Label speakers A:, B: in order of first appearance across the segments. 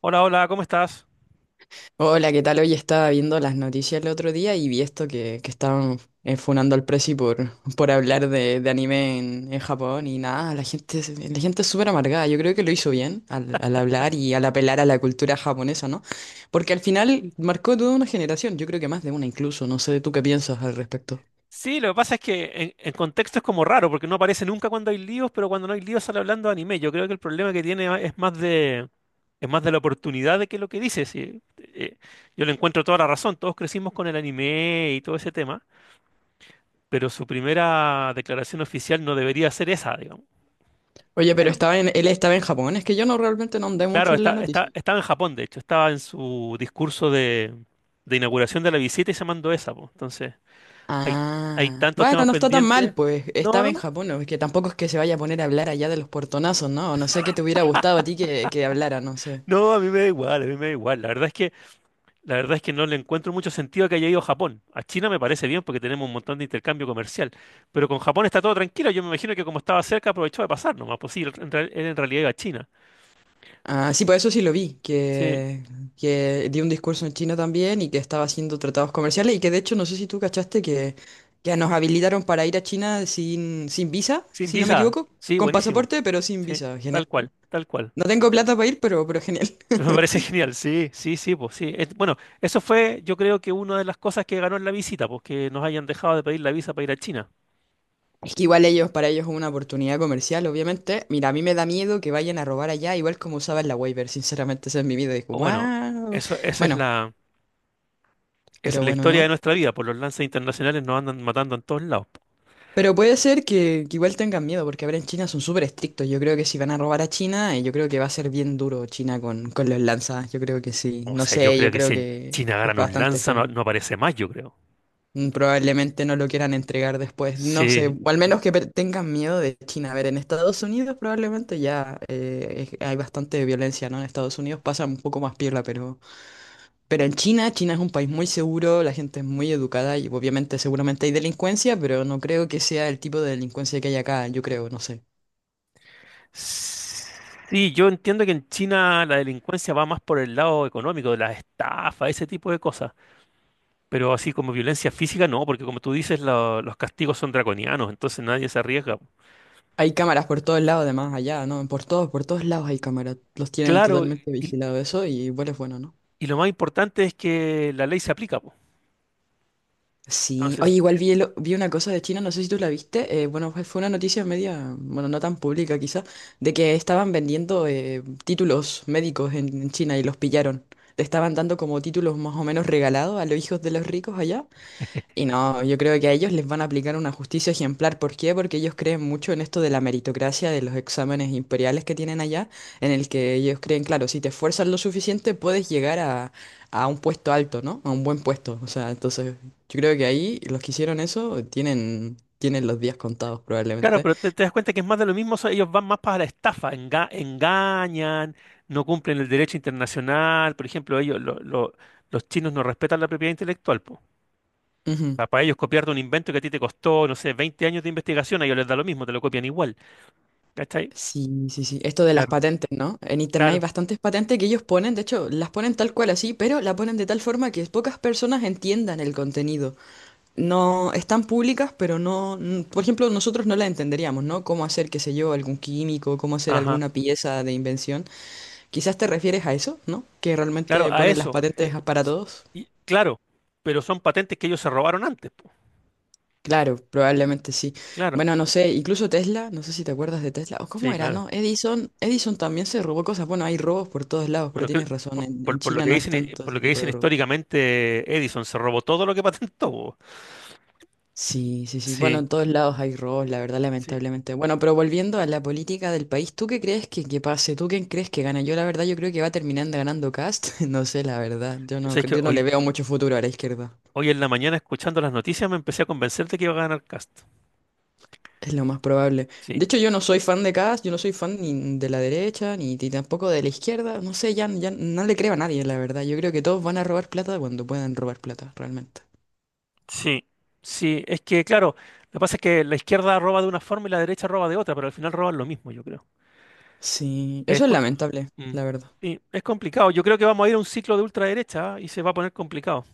A: Hola, hola, ¿cómo estás?
B: Hola, ¿qué tal? Hoy estaba viendo las noticias el otro día y vi esto que estaban funando al Prezi por hablar de anime en Japón y nada, la gente es súper amargada. Yo creo que lo hizo bien al hablar y al apelar a la cultura japonesa, ¿no? Porque al final marcó toda una generación, yo creo que más de una incluso, no sé tú qué piensas al respecto.
A: Sí, lo que pasa es que en contexto es como raro, porque no aparece nunca cuando hay líos, pero cuando no hay líos sale hablando de anime. Yo creo que el problema que tiene es más de la oportunidad de que lo que dices. Sí. Yo le encuentro toda la razón, todos crecimos con el anime y todo ese tema, pero su primera declaración oficial no debería ser esa, digamos.
B: Oye, pero
A: Pero,
B: él estaba en Japón, es que yo no realmente no andé
A: claro,
B: mucho en
A: está,
B: la
A: está,
B: noticia.
A: estaba en Japón, de hecho, estaba en su discurso de inauguración de la visita y se mandó esa, po. Entonces, hay, hay
B: Ah,
A: tantos
B: bueno,
A: temas
B: no está tan mal,
A: pendientes.
B: pues
A: No,
B: estaba en
A: no,
B: Japón, ¿no? Es que tampoco es que se vaya a poner a hablar allá de los portonazos, ¿no? No sé qué te hubiera gustado a ti que hablara, no sé.
A: no, a mí me da igual, a mí me da igual. La verdad es que no le encuentro mucho sentido a que haya ido a Japón. A China me parece bien porque tenemos un montón de intercambio comercial, pero con Japón está todo tranquilo. Yo me imagino que como estaba cerca aprovechó de pasar nomás. Pues sí, él en realidad iba a China.
B: Ah, sí, pues eso sí lo vi,
A: Sí,
B: que dio un discurso en China también y que estaba haciendo tratados comerciales y que de hecho no sé si tú cachaste que nos habilitaron para ir a China sin visa,
A: sin
B: si no me
A: visa.
B: equivoco,
A: Sí,
B: con
A: buenísimo.
B: pasaporte, pero sin
A: Sí,
B: visa, genial.
A: tal cual, tal cual.
B: No tengo
A: Sí.
B: plata para ir, pero genial.
A: Pero me parece genial. Sí, sí, sí, pues sí. Bueno, eso fue, yo creo que una de las cosas que ganó en la visita, pues que nos hayan dejado de pedir la visa para ir a China.
B: Es que igual ellos, para ellos es una oportunidad comercial, obviamente. Mira, a mí me da miedo que vayan a robar allá, igual como usaban la waiver, sinceramente, ese es mi miedo. Digo,
A: O bueno,
B: wow.
A: eso,
B: Bueno,
A: Esa es
B: pero
A: la
B: bueno,
A: historia de
B: ¿no?
A: nuestra vida, por los lanzas internacionales nos andan matando en todos lados.
B: Pero puede ser que igual tengan miedo, porque ahora en China son súper estrictos. Yo creo que si van a robar a China, yo creo que va a ser bien duro China con los lanzas. Yo creo que sí.
A: O
B: No
A: sea, yo
B: sé, yo
A: creo que
B: creo
A: si en
B: que
A: China
B: es
A: agarran un
B: bastante
A: lanza no,
B: feo.
A: no aparece más, yo creo.
B: Probablemente no lo quieran entregar después. No sé,
A: Sí,
B: o al menos que tengan miedo de China. A ver, en Estados Unidos probablemente ya hay bastante violencia, ¿no? En Estados Unidos pasa un poco más piola, pero en China, China es un país muy seguro, la gente es muy educada y obviamente seguramente hay delincuencia, pero no creo que sea el tipo de delincuencia que hay acá, yo creo, no sé.
A: sí, yo entiendo que en China la delincuencia va más por el lado económico, de las estafas, ese tipo de cosas. Pero así como violencia física, no, porque como tú dices, los castigos son draconianos, entonces nadie se arriesga.
B: Hay cámaras por todos lados, además, allá, ¿no? Por todos lados hay cámaras. Los tienen
A: Claro,
B: totalmente
A: y,
B: vigilado eso y igual es bueno, ¿no?
A: y lo más importante es que la ley se aplica, po.
B: Sí,
A: Entonces,
B: oye, igual vi una cosa de China, no sé si tú la viste, fue una noticia media, bueno, no tan pública quizá, de que estaban vendiendo títulos médicos en China y los pillaron. Le estaban dando como títulos más o menos regalados a los hijos de los ricos allá y no, yo creo que a ellos les van a aplicar una justicia ejemplar. ¿Por qué? Porque ellos creen mucho en esto de la meritocracia, de los exámenes imperiales que tienen allá, en el que ellos creen, claro, si te esfuerzas lo suficiente puedes llegar a un puesto alto, ¿no? A un buen puesto. O sea, entonces yo creo que ahí los que hicieron eso tienen los días contados
A: claro,
B: probablemente.
A: pero te das cuenta que es más de lo mismo, o sea, ellos van más para la estafa, engañan, no cumplen el derecho internacional, por ejemplo, ellos, los chinos no respetan la propiedad intelectual, po. O
B: Ujú.
A: sea, para ellos copiarte un invento que a ti te costó, no sé, 20 años de investigación, a ellos les da lo mismo, te lo copian igual, ¿cachai?
B: Sí, sí, sí. Esto de las
A: Claro,
B: patentes, ¿no? En internet hay
A: claro,
B: bastantes patentes que ellos ponen, de hecho, las ponen tal cual así, pero la ponen de tal forma que pocas personas entiendan el contenido. No, están públicas, pero no, n- por ejemplo, nosotros no la entenderíamos, ¿no? Cómo hacer, qué sé yo, algún químico, cómo hacer
A: ajá,
B: alguna pieza de invención. Quizás te refieres a eso, ¿no? Que
A: claro,
B: realmente
A: a
B: ponen las
A: eso,
B: patentes para todos.
A: y, claro, pero son patentes que ellos se robaron antes, po.
B: Claro, probablemente sí.
A: Claro,
B: Bueno, no sé, incluso Tesla, no sé si te acuerdas de Tesla, o cómo
A: sí,
B: era,
A: claro.
B: ¿no? Edison también se robó cosas. Bueno, hay robos por todos lados, pero
A: Bueno,
B: tienes razón,
A: por,
B: en
A: por- por lo
B: China
A: que
B: no es
A: dicen,
B: tanto
A: por
B: ese
A: lo que
B: tipo
A: dicen
B: de robo.
A: históricamente, Edison se robó todo lo que patentó, po.
B: Sí, sí, sí. Bueno,
A: Sí.
B: en todos lados hay robos, la verdad,
A: Sí.
B: lamentablemente. Bueno, pero volviendo a la política del país, ¿tú qué crees que pase? ¿Tú quién crees que gana? Yo la verdad, yo creo que va terminando ganando Cast. No sé, la verdad.
A: Sabes que
B: Yo no
A: hoy,
B: le veo mucho futuro a la izquierda.
A: hoy en la mañana escuchando las noticias me empecé a convencer de que iba a ganar Cast.
B: Es lo más probable.
A: Sí,
B: De hecho, yo no soy fan de Cast, yo no soy fan ni de la derecha, ni tampoco de la izquierda. No sé, ya no le creo a nadie, la verdad. Yo creo que todos van a robar plata cuando puedan robar plata, realmente.
A: sí, sí. Es que, claro, lo que pasa es que la izquierda roba de una forma y la derecha roba de otra, pero al final roban lo mismo, yo creo.
B: Sí,
A: Es,
B: eso es
A: co-
B: lamentable,
A: Mm.
B: la verdad.
A: Sí, es complicado. Yo creo que vamos a ir a un ciclo de ultraderecha, ¿ah? Y se va a poner complicado.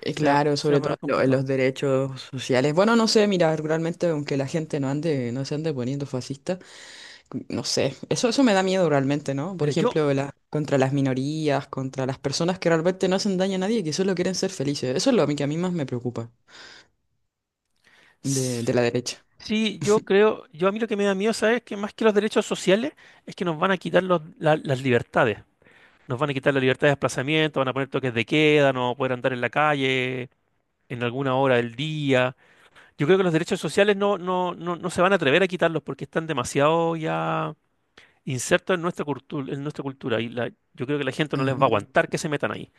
A: Se va,
B: Claro,
A: se va a poner
B: en los
A: complicado.
B: derechos sociales. Bueno, no sé, mira, realmente aunque la gente no ande, no se ande poniendo fascista, no sé, eso me da miedo realmente, ¿no? Por
A: Mira, yo
B: ejemplo, contra las minorías, contra las personas que realmente no hacen daño a nadie y que solo quieren ser felices. Eso es lo a mí que a mí más me preocupa de
A: s-
B: la derecha.
A: sí, yo creo, yo a mí lo que me da miedo, ¿sabes? Que más que los derechos sociales es que nos van a quitar las libertades. Nos van a quitar la libertad de desplazamiento, van a poner toques de queda, no vamos a poder andar en la calle en alguna hora del día. Yo creo que los derechos sociales no se van a atrever a quitarlos porque están demasiado ya insertos en nuestra cultura, en nuestra cultura. Yo creo que la gente no les va a
B: Ah.
A: aguantar que se metan ahí.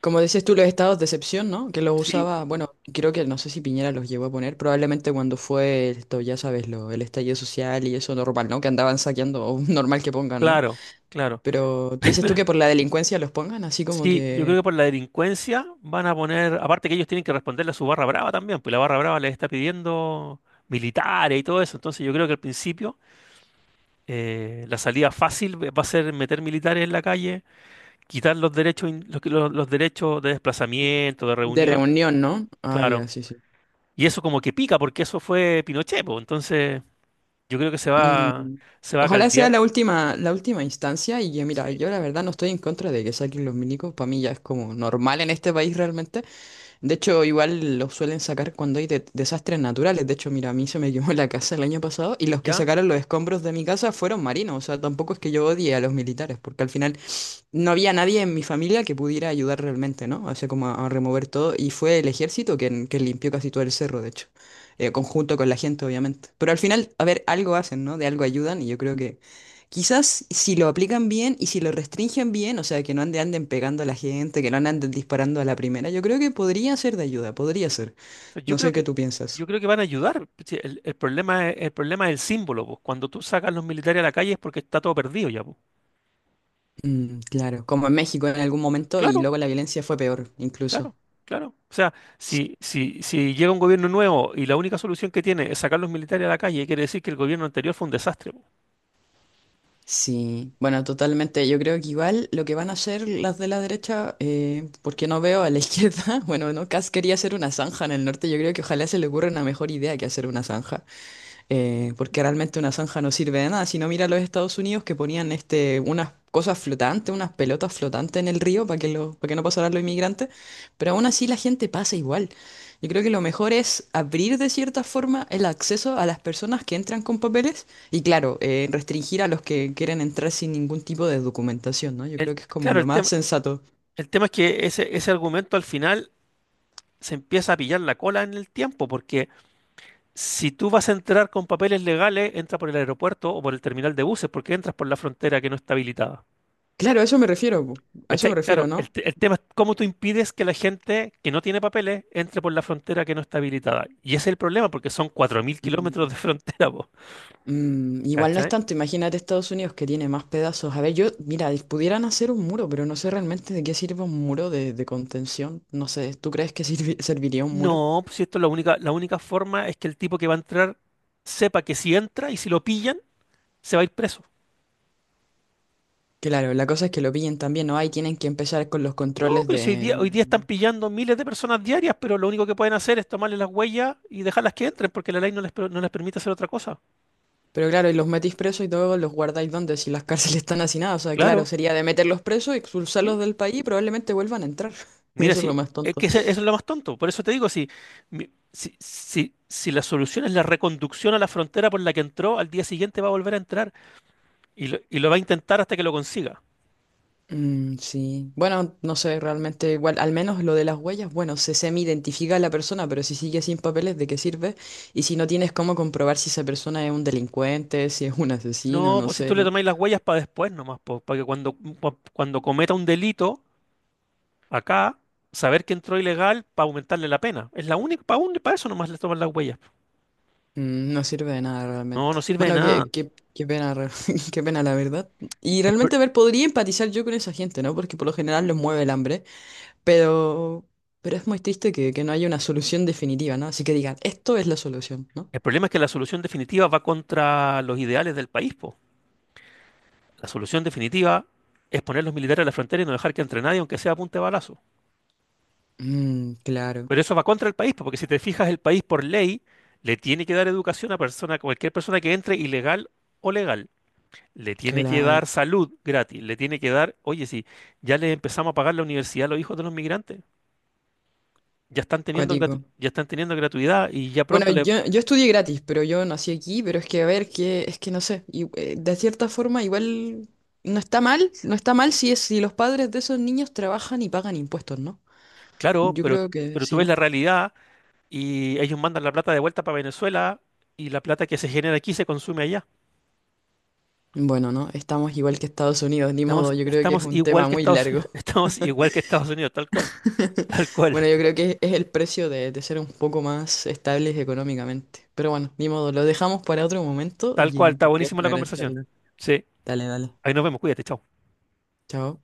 B: Como decías tú, los estados de excepción, ¿no? Que los
A: Sí,
B: usaba, bueno, creo que no sé si Piñera los llegó a poner, probablemente cuando fue esto, ya sabes, el estallido social y eso normal, ¿no? Que andaban saqueando, o normal que pongan, ¿no?
A: claro, claro.
B: Pero tú dices tú
A: Pero
B: que por la delincuencia los pongan así como
A: sí, yo
B: que
A: creo que por la delincuencia van a poner, aparte que ellos tienen que responderle a su barra brava también, pues la barra brava les está pidiendo militares y todo eso. Entonces yo creo que al principio la salida fácil va a ser meter militares en la calle, quitar los derechos, los derechos de desplazamiento, de
B: de
A: reunión,
B: reunión, ¿no? Ah,
A: claro.
B: ya, sí, sí.
A: Y eso como que pica, porque eso fue Pinochet, po. Entonces, yo creo que se va,
B: Mm,
A: se va a
B: ojalá sea
A: caldear.
B: la última instancia y yo, mira,
A: Sí,
B: yo la verdad no estoy en contra de que saquen los milicos, para mí ya es como normal en este país realmente. De hecho, igual los suelen sacar cuando hay desastres naturales. De hecho, mira, a mí se me quemó la casa el año pasado y los que
A: ¿ya?
B: sacaron los escombros de mi casa fueron marinos. O sea, tampoco es que yo odie a los militares, porque al final no había nadie en mi familia que pudiera ayudar realmente, ¿no? O sea, como a remover todo. Y fue el ejército quien limpió casi todo el cerro, de hecho. Conjunto con la gente, obviamente. Pero al final, a ver, algo hacen, ¿no? De algo ayudan y yo creo que quizás si lo aplican bien y si lo restringen bien, o sea, que no ande- anden pegando a la gente, que no anden disparando a la primera, yo creo que podría ser de ayuda, podría ser.
A: Yo
B: No
A: creo
B: sé qué
A: que,
B: tú
A: yo
B: piensas.
A: creo que van a ayudar. Sí, el problema es el símbolo, pues. Cuando tú sacas los militares a la calle es porque está todo perdido ya, pues.
B: Mm, claro, como en México en algún momento y
A: Claro.
B: luego la violencia fue peor,
A: Claro,
B: incluso.
A: claro. O sea, si llega un gobierno nuevo y la única solución que tiene es sacar los militares a la calle, quiere decir que el gobierno anterior fue un desastre, po.
B: Sí, bueno, totalmente. Yo creo que igual lo que van a hacer las de la derecha, porque no veo a la izquierda, bueno, no, Kass quería hacer una zanja en el norte, yo creo que ojalá se le ocurra una mejor idea que hacer una zanja porque realmente una zanja no sirve de nada. Si no, mira los Estados Unidos que ponían este, unas cosas flotantes, unas pelotas flotantes en el río para para que no pasaran los inmigrantes, pero aún así la gente pasa igual. Yo creo que lo mejor es abrir de cierta forma el acceso a las personas que entran con papeles y claro, restringir a los que quieren entrar sin ningún tipo de documentación, ¿no? Yo
A: El,
B: creo que es como
A: claro,
B: lo
A: el
B: más
A: tema,
B: sensato.
A: el tema es que ese argumento al final se empieza a pillar la cola en el tiempo, porque si tú vas a entrar con papeles legales, entra por el aeropuerto o por el terminal de buses, porque entras por la frontera que no está habilitada.
B: Claro, a eso me refiero, po, a eso me
A: ¿Cachai?
B: refiero,
A: Claro,
B: ¿no?
A: el tema es cómo tú impides que la gente que no tiene papeles entre por la frontera que no está habilitada. Y ese es el problema, porque son 4.000 kilómetros de frontera.
B: Mm, igual no es
A: ¿Cachai?
B: tanto, imagínate Estados Unidos que tiene más pedazos. A ver, yo, mira, pudieran hacer un muro, pero no sé realmente de qué sirve un muro de contención. No sé, ¿tú crees que serviría un muro?
A: No, pues si esto es la única forma es que el tipo que va a entrar sepa que si entra y si lo pillan, se va a ir preso.
B: Claro, la cosa es que lo pillen también, ¿no? Ahí tienen que empezar con los
A: No,
B: controles
A: pero si hoy
B: de...
A: día, hoy día están pillando miles de personas diarias, pero lo único que pueden hacer es tomarle las huellas y dejarlas que entren, porque la ley no les permite hacer otra cosa.
B: Pero claro, y los metís presos y luego los guardáis donde si las cárceles están hacinadas. O sea, claro,
A: Claro,
B: sería de meterlos presos, expulsarlos
A: sí.
B: del país y probablemente vuelvan a entrar.
A: Mira,
B: Eso es lo
A: sí,
B: más
A: es que
B: tonto.
A: eso es lo más tonto. Por eso te digo, si la solución es la reconducción a la frontera por la que entró, al día siguiente va a volver a entrar y lo va a intentar hasta que lo consiga.
B: Mm, sí. Bueno, no sé, realmente igual, al menos lo de las huellas, bueno, se semi-identifica a la persona, pero si sigue sin papeles, ¿de qué sirve? Y si no tienes cómo comprobar si esa persona es un delincuente, si es un asesino,
A: No,
B: no
A: pues si tú
B: sé,
A: le
B: ¿no?
A: tomáis las huellas para después nomás, pues, para que cuando, cuando cometa un delito acá, saber que entró ilegal para aumentarle la pena. Es la única, para eso nomás le toman las huellas.
B: Mm, no sirve de nada
A: No,
B: realmente.
A: no sirve de
B: Bueno,
A: nada.
B: qué pena, qué pena la verdad. Y
A: El, pro-
B: realmente, a ver, podría empatizar yo con esa gente, ¿no? Porque por lo general les mueve el hambre, pero, pero es muy triste que no haya una solución definitiva, ¿no? Así que digan, esto es la solución, ¿no?
A: el problema es que la solución definitiva va contra los ideales del país, po. La solución definitiva es poner los militares a la frontera y no dejar que entre nadie, aunque sea a punta de balazo.
B: Mm, claro,
A: Pero eso va contra el país, po, porque si te fijas, el país por ley le tiene que dar educación a cualquier persona que entre ilegal o legal. Le tiene que
B: claro.
A: dar salud gratis, le tiene que dar, oye, sí, ya les empezamos a pagar la universidad a los hijos de los migrantes,
B: Cuático.
A: ya están teniendo gratuidad y ya
B: Bueno,
A: pronto le,
B: yo estudié gratis, pero yo nací aquí, pero es que, a ver, es que no sé, de cierta forma igual no está mal si es, si los padres de esos niños trabajan y pagan impuestos, ¿no?
A: claro,
B: Yo
A: pero,
B: creo que
A: pero tú
B: sí,
A: ves
B: ¿no?
A: la realidad y ellos mandan la plata de vuelta para Venezuela y la plata que se genera aquí se consume allá.
B: Bueno, no, estamos igual que Estados Unidos, ni modo,
A: Estamos,
B: yo creo que es
A: estamos
B: un
A: igual
B: tema
A: que
B: muy
A: Estados,
B: largo.
A: estamos igual que Estados Unidos, tal cual, tal cual,
B: Bueno, yo creo que es el precio de ser un poco más estables económicamente. Pero bueno, ni modo, lo dejamos para otro momento
A: tal cual,
B: y
A: está
B: porque es
A: buenísima
B: una
A: la
B: gran
A: conversación.
B: charla.
A: Sí,
B: Dale, dale.
A: ahí nos vemos, cuídate, chao.
B: Chao.